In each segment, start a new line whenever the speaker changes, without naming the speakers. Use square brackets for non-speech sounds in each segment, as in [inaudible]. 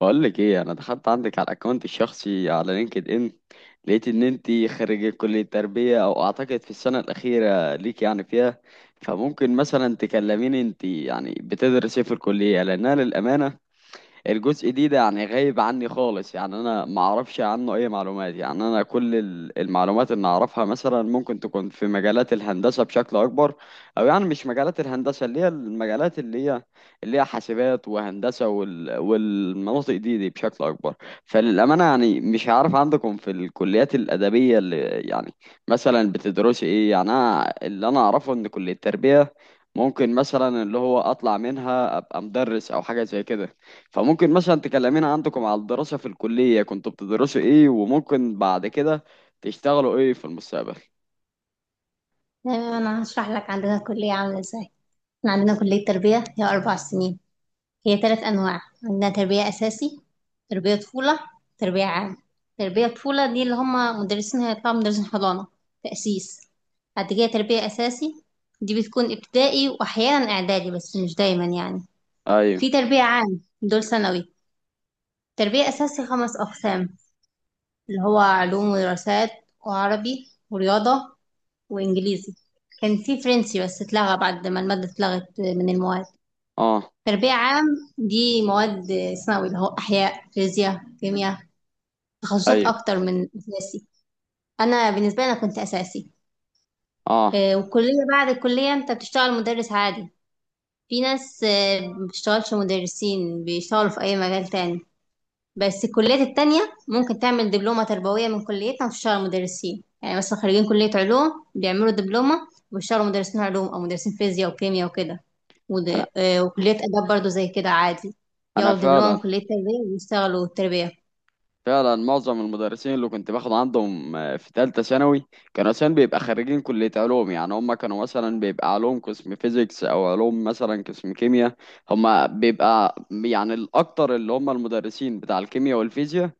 بقول لك ايه، انا دخلت عندك على الاكونت الشخصي على لينكد ان. لقيت ان انت خريجه كليه تربيه، او اعتقد في السنه الاخيره ليك يعني فيها. فممكن مثلا تكلميني انت يعني بتدرسي إيه في الكليه، لانها للامانه الجزء ده يعني غايب عني خالص، يعني انا ما اعرفش عنه اي معلومات. يعني انا كل المعلومات اللي اعرفها مثلا ممكن تكون في مجالات الهندسة بشكل اكبر، او يعني مش مجالات الهندسة اللي هي المجالات اللي هي حاسبات وهندسة والمناطق دي بشكل اكبر. فللأمانة يعني مش عارف عندكم في الكليات الأدبية اللي يعني مثلا بتدرسي ايه. يعني انا اللي انا اعرفه ان كلية التربية ممكن مثلا اللي هو اطلع منها ابقى مدرس او حاجة زي كده. فممكن مثلا تكلمينا عندكم على الدراسة في الكلية، كنتوا بتدرسوا ايه وممكن بعد كده تشتغلوا ايه في المستقبل؟
تمام، انا هشرح لك عندنا الكلية عاملة ازاي. احنا عندنا كلية تربية، هي 4 سنين. هي 3 انواع: عندنا تربية اساسي، تربية طفولة، تربية عام. تربية طفولة دي اللي هم مدرسين، هيطلعوا مدرسين حضانة، تأسيس. بعد كده تربية اساسي، دي بتكون ابتدائي واحيانا اعدادي بس مش دايما يعني.
ايوه.
في تربية عام دول ثانوي. تربية اساسي 5 اقسام، اللي هو علوم ودراسات وعربي ورياضة وانجليزي. كان في فرنسي بس اتلغى بعد ما المادة اتلغت من المواد.
اه.
تربية عام دي مواد ثانوي اللي هو أحياء، فيزياء، كيمياء. تخصصات
ايوه.
أكتر من أساسي. أنا بالنسبة لي أنا كنت أساسي.
اه.
والكلية، بعد الكلية أنت بتشتغل مدرس عادي. في ناس ما بتشتغلش مدرسين، بيشتغلوا في أي مجال تاني بس الكليات التانية. ممكن تعمل دبلومة تربوية من كليتنا وتشتغل مدرسين، يعني مثلا خريجين كلية علوم بيعملوا دبلومة وبيشتغلوا مدرسين علوم أو مدرسين فيزياء وكيمياء وكده. ود...
انا
آه، وكلية آداب برضو زي كده عادي.
انا
ياخدوا دبلومة
فعلا،
من كلية تربية ويشتغلوا التربية.
فعلا معظم المدرسين اللي كنت باخد عندهم في ثالثة ثانوي كانوا مثلا بيبقى خريجين كلية علوم، يعني هم كانوا مثلا بيبقى علوم قسم فيزيكس او علوم مثلا قسم كيمياء. هم بيبقى يعني الاكتر اللي هم المدرسين بتاع الكيمياء والفيزياء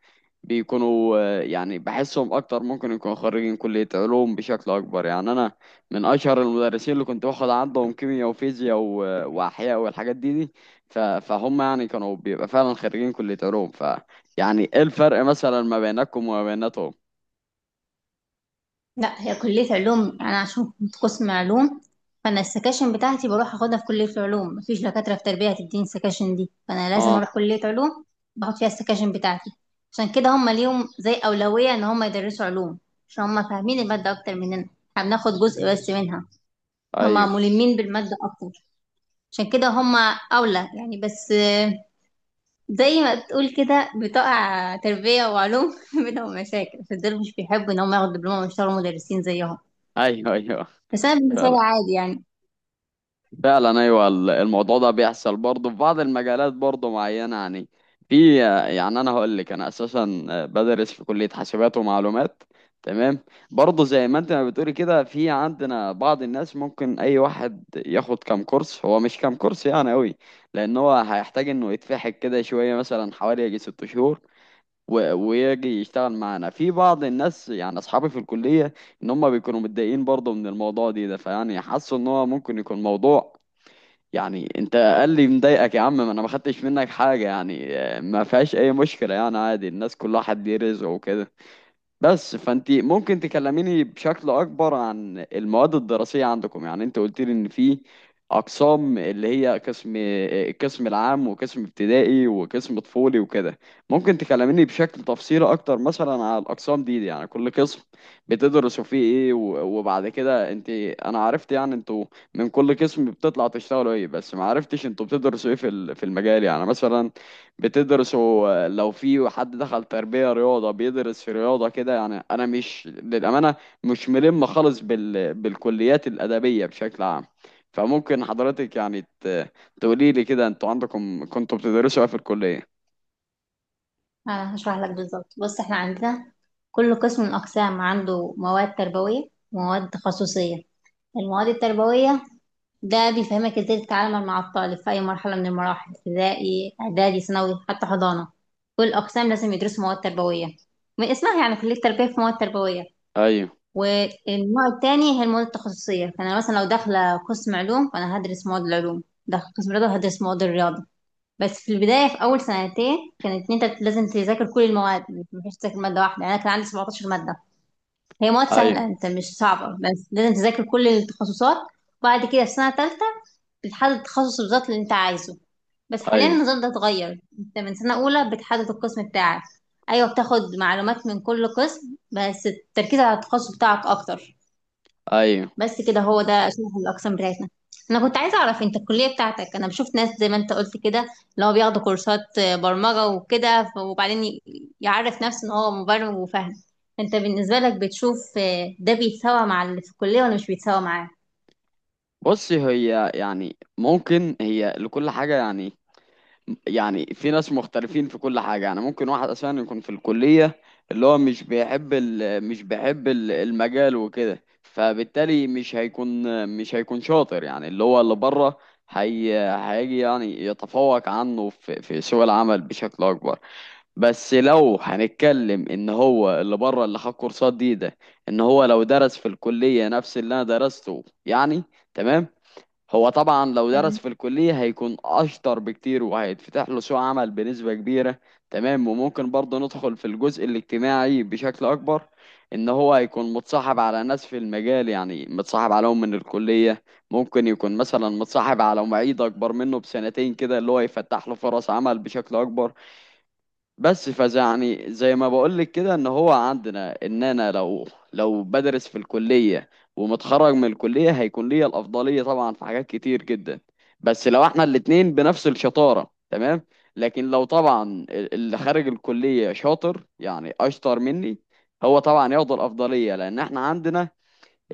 بيكونوا يعني بحسهم اكتر ممكن يكونوا خريجين كلية علوم بشكل اكبر. يعني انا من اشهر المدرسين اللي كنت باخد عندهم كيمياء وفيزياء واحياء والحاجات دي. فهم يعني كانوا بيبقى فعلا خريجين كلية علوم. ف، يعني ايه الفرق مثلا ما بينكم وما بيناتهم؟
لا، هي كلية علوم أنا عشان كنت قسم علوم. فأنا السكاشن بتاعتي بروح أخدها في كلية العلوم، مفيش دكاترة في تربية هتديني السكاشن دي فأنا لازم
اه.
أروح كلية علوم، باخد فيها السكاشن بتاعتي. عشان كده هما ليهم زي أولوية إن هما يدرسوا علوم، عشان هما فاهمين المادة أكتر مننا. احنا بناخد جزء بس منها، هما
ايوه.
ملمين بالمادة أكتر. عشان كده هما أولى يعني. بس زي ما تقول كده بتقع تربية وعلوم [laughs] بينهم مشاكل، فدول مش بيحبوا إن هما ياخدوا دبلومة ويشتغلوا مدرسين زيهم.
ايوه. ايوه.
بس انا بالنسبه لي
فعلا،
عادي يعني.
فعلا ايوه الموضوع ده بيحصل برضه في بعض المجالات برضه معينه. يعني في، يعني انا هقول لك انا اساسا بدرس في كليه حاسبات ومعلومات. تمام. برضه زي ما انت ما بتقولي كده، في عندنا بعض الناس ممكن اي واحد ياخد كام كورس، هو مش كام كورس يعني قوي. لان هو هيحتاج انه يتفحك كده شويه، مثلا حوالي يجي ست شهور ويجي يشتغل معانا. في بعض الناس يعني اصحابي في الكليه، ان هم بيكونوا متضايقين برضه من الموضوع ده. فيعني حاسوا ان هو ممكن يكون موضوع، يعني انت قال لي مضايقك يا عم؟ ما انا ما خدتش منك حاجه يعني ما فيهاش اي مشكله، يعني عادي الناس كلها حد ليه رزقه وكده. بس، فانت ممكن تكلميني بشكل اكبر عن المواد الدراسيه عندكم؟ يعني انت قلت لي ان في اقسام، اللي هي قسم القسم العام وقسم ابتدائي وقسم طفولي وكده. ممكن تكلميني بشكل تفصيلي اكتر مثلا على الاقسام دي، يعني كل قسم بتدرسوا فيه ايه. وبعد كده انت، انا عرفت يعني انتوا من كل قسم بتطلع تشتغلوا ايه، بس ما عرفتش انتوا بتدرسوا ايه في في المجال. يعني مثلا بتدرسوا لو في حد دخل تربية رياضة بيدرس في رياضة كده. يعني أنا مش للأمانة مش ملم خالص بالكليات الأدبية بشكل عام. فممكن حضرتك يعني تقولي لي كده أنتوا عندكم كنتوا بتدرسوا إيه في الكلية؟
انا هشرح لك بالظبط، بص. احنا عندنا كل قسم من الاقسام عنده مواد تربويه ومواد تخصصيه. المواد التربويه ده بيفهمك ازاي تتعامل مع الطالب في اي مرحله من المراحل، ابتدائي، اعدادي، ثانوي، حتى حضانه. كل الاقسام لازم يدرسوا مواد تربويه، من اسمها يعني كليه تربيه في مواد تربويه.
أيوه.
والنوع التاني هي المواد التخصصيه، فانا مثلا لو داخله قسم علوم فانا هدرس مواد العلوم، داخل قسم رياضه هدرس مواد الرياضه. بس في البداية، في أول 2 سنتين كانت إن أنت لازم تذاكر كل المواد، مش تذاكر مادة واحدة. يعني أنا كان عندي 17 مادة، هي مواد
أيوه.
سهلة أنت مش صعبة بس لازم تذاكر كل التخصصات. وبعد كده في سنة تالتة بتحدد التخصص بالظبط اللي أنت عايزه. بس حاليا
أيوه.
النظام ده اتغير، أنت من سنة أولى بتحدد القسم بتاعك. أيوة، بتاخد معلومات من كل قسم بس التركيز على التخصص بتاعك أكتر.
أيوه.
بس كده، هو ده شبه الأقسام بتاعتنا. أنا كنت عايزة أعرف أنت الكلية بتاعتك. أنا بشوف ناس زي ما أنت قلت كده اللي هو بياخدوا كورسات برمجة وكده وبعدين يعرف نفسه إن هو مبرمج وفاهم. أنت بالنسبة لك بتشوف ده بيتساوى مع اللي في الكلية ولا مش بيتساوى معاه؟
بصي، هي يعني ممكن هي لكل حاجة يعني. يعني في ناس مختلفين في كل حاجة. يعني ممكن واحد أساسا يكون في الكلية اللي هو مش بيحب مش بيحب المجال وكده، فبالتالي مش هيكون، مش هيكون شاطر. يعني اللي هو اللي بره هيجي يعني يتفوق عنه في سوق العمل بشكل أكبر. بس لو هنتكلم إن هو اللي بره اللي خد كورسات ده، إن هو لو درس في الكلية نفس اللي أنا درسته يعني، تمام، هو طبعا لو درس
أم،
في الكلية هيكون أشطر بكتير وهيتفتح له سوق عمل بنسبة كبيرة. تمام. وممكن برضه ندخل في الجزء الاجتماعي بشكل أكبر. إن هو هيكون متصاحب على ناس في المجال، يعني متصاحب عليهم من الكلية. ممكن يكون مثلا متصاحب على معيد أكبر منه بسنتين كده، اللي هو يفتح له فرص عمل بشكل أكبر. بس فيعني زي ما بقولك كده، ان هو عندنا ان انا لو، لو بدرس في الكلية ومتخرج من الكلية هيكون ليا الافضلية طبعا في حاجات كتير جدا. بس لو احنا الاتنين بنفس الشطارة تمام. لكن لو طبعا اللي خارج الكلية شاطر يعني اشطر مني، هو طبعا ياخد الافضلية، لان احنا عندنا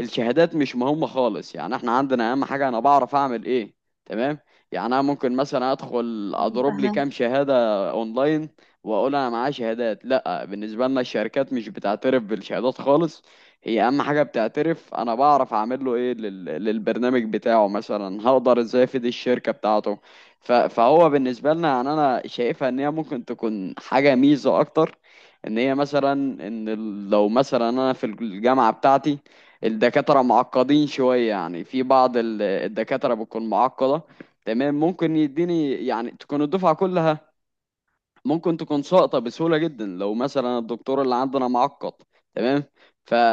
الشهادات مش مهمة خالص. يعني احنا عندنا اهم حاجة انا بعرف اعمل ايه. تمام. يعني انا ممكن مثلا ادخل اضرب لي
فاهمة.
كام شهادة اونلاين واقول انا معايا شهادات، لا بالنسبة لنا الشركات مش بتعترف بالشهادات خالص. هي اهم حاجة بتعترف انا بعرف اعمل له ايه للبرنامج بتاعه مثلا، هقدر ازاي افيد الشركة بتاعته. فهو بالنسبة لنا يعني انا شايفها ان هي ممكن تكون حاجة ميزة اكتر. ان هي مثلا، ان لو مثلا انا في الجامعة بتاعتي الدكاترة معقدين شوية. يعني في بعض الدكاترة بتكون معقدة. تمام. ممكن يديني يعني تكون الدفعة كلها ممكن تكون ساقطة بسهولة جدا لو مثلا الدكتور اللي عندنا معقد. تمام.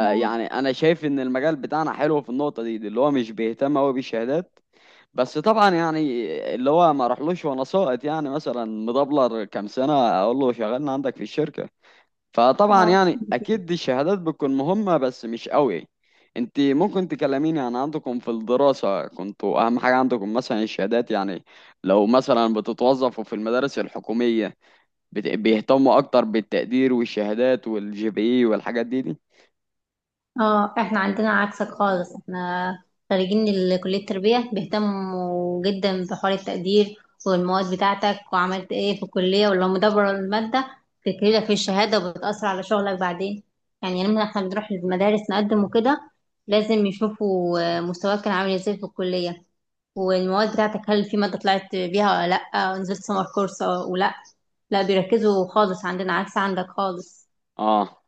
اه،
أنا شايف إن المجال بتاعنا حلو في النقطة دي اللي هو مش بيهتم أوي بالشهادات. بس طبعا يعني اللي هو ما راحلوش وأنا ساقط يعني مثلا مدبلر كام سنة أقول له شغلنا عندك في الشركة، فطبعا
اه،
يعني اكيد دي الشهادات بتكون مهمة بس مش قوي. انت ممكن تكلميني عن عندكم في الدراسة، كنتوا اهم حاجة عندكم مثلا الشهادات يعني؟ لو مثلا بتتوظفوا في المدارس الحكومية بيهتموا اكتر بالتقدير والشهادات والجي بي اي والحاجات دي؟
اه، احنا عندنا عكسك خالص. احنا خريجين كلية التربية بيهتموا جدا بحوار التقدير والمواد بتاعتك وعملت ايه في الكلية، ولو مدبر المادة بتجيلك في الشهادة وبتأثر على شغلك بعدين. يعني لما احنا بنروح المدارس نقدم وكده لازم يشوفوا مستواك كان عامل ازاي في الكلية، والمواد بتاعتك هل في مادة طلعت بيها ولا لأ، نزلت سمر كورس ولا لأ. بيركزوا خالص عندنا، عكس عندك خالص.
اه.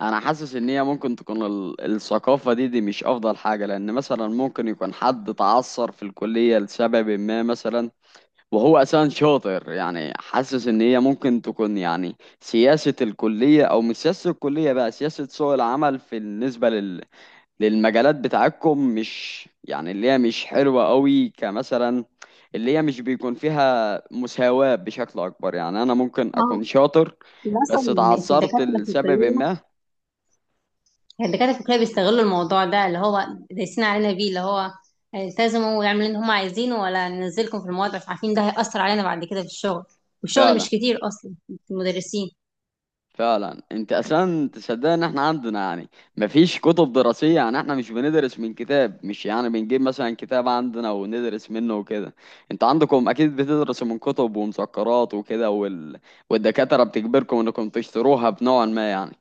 انا حاسس ان هي ممكن تكون الثقافة دي مش افضل حاجة، لان مثلا ممكن يكون حد تعثر في الكلية لسبب ما مثلا وهو أساسا شاطر. يعني حاسس إن هي ممكن تكون يعني سياسة الكلية أو مش سياسة الكلية بقى سياسة سوق العمل في بالنسبة للمجالات بتاعتكم، مش يعني اللي هي مش حلوة قوي، كمثلا اللي هي مش بيكون فيها مساواة بشكل أكبر. يعني أنا ممكن
اه،
أكون شاطر
ده اصلا
بس
في
اتعثرت
الدكاتره في
لسبب
الكليه،
ما.
الدكاترة الفكرية بيستغلوا الموضوع ده اللي هو دايسين علينا بيه، اللي هو التزموا ويعملوا اللي هم عايزينه ولا ننزلكم في المواد، عشان عارفين ده هيأثر علينا بعد كده في الشغل، والشغل مش
فعلا،
كتير أصلا في المدرسين.
فعلا انت اصلا تصدق ان احنا عندنا يعني مفيش كتب دراسية؟ يعني احنا مش بندرس من كتاب، مش يعني بنجيب مثلا كتاب عندنا وندرس منه وكده. انت عندكم اكيد بتدرسوا من كتب ومذكرات وكده والدكاترة بتجبركم انكم تشتروها بنوع ما يعني.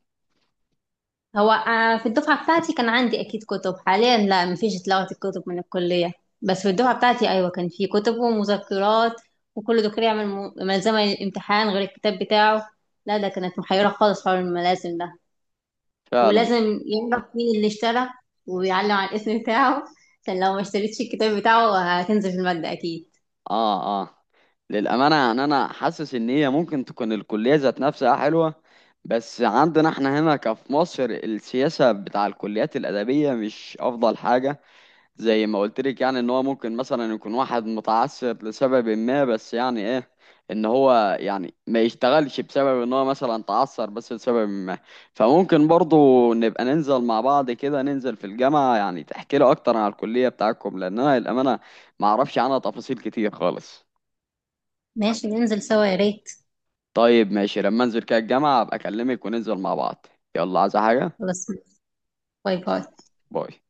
هو في الدفعة بتاعتي كان عندي أكيد كتب، حاليا لا مفيش، اتلغت الكتب من الكلية. بس في الدفعة بتاعتي أيوة كان في كتب ومذكرات، وكل دكتور يعمل ملزمة للامتحان غير الكتاب بتاعه. لا ده كانت محيرة خالص حول الملازم ده.
فعلا.
ولازم يعرف مين اللي اشترى ويعلم على الاسم بتاعه، عشان لو ما اشتريتش الكتاب بتاعه هتنزل في المادة أكيد.
اه. اه. للأمانة يعني انا حاسس ان هي ممكن تكون الكلية ذات نفسها حلوة، بس عندنا احنا هنا كفي مصر السياسة بتاع الكليات الأدبية مش أفضل حاجة. زي ما قلت لك يعني، ان هو ممكن مثلا يكون واحد متعثر لسبب ما، بس يعني ايه ان هو يعني ما يشتغلش بسبب ان هو مثلا تعثر بس لسبب ما. فممكن برضو نبقى ننزل مع بعض كده، ننزل في الجامعة يعني تحكي له اكتر عن الكلية بتاعتكم، لان انا للأمانة ما اعرفش عنها تفاصيل كتير خالص.
ماشي، ننزل سوا يا ريت.
طيب ماشي، لما انزل كده الجامعة ابقى اكلمك وننزل مع بعض. يلا، عايزة حاجة؟
خلاص، باي
س-
باي.
باي.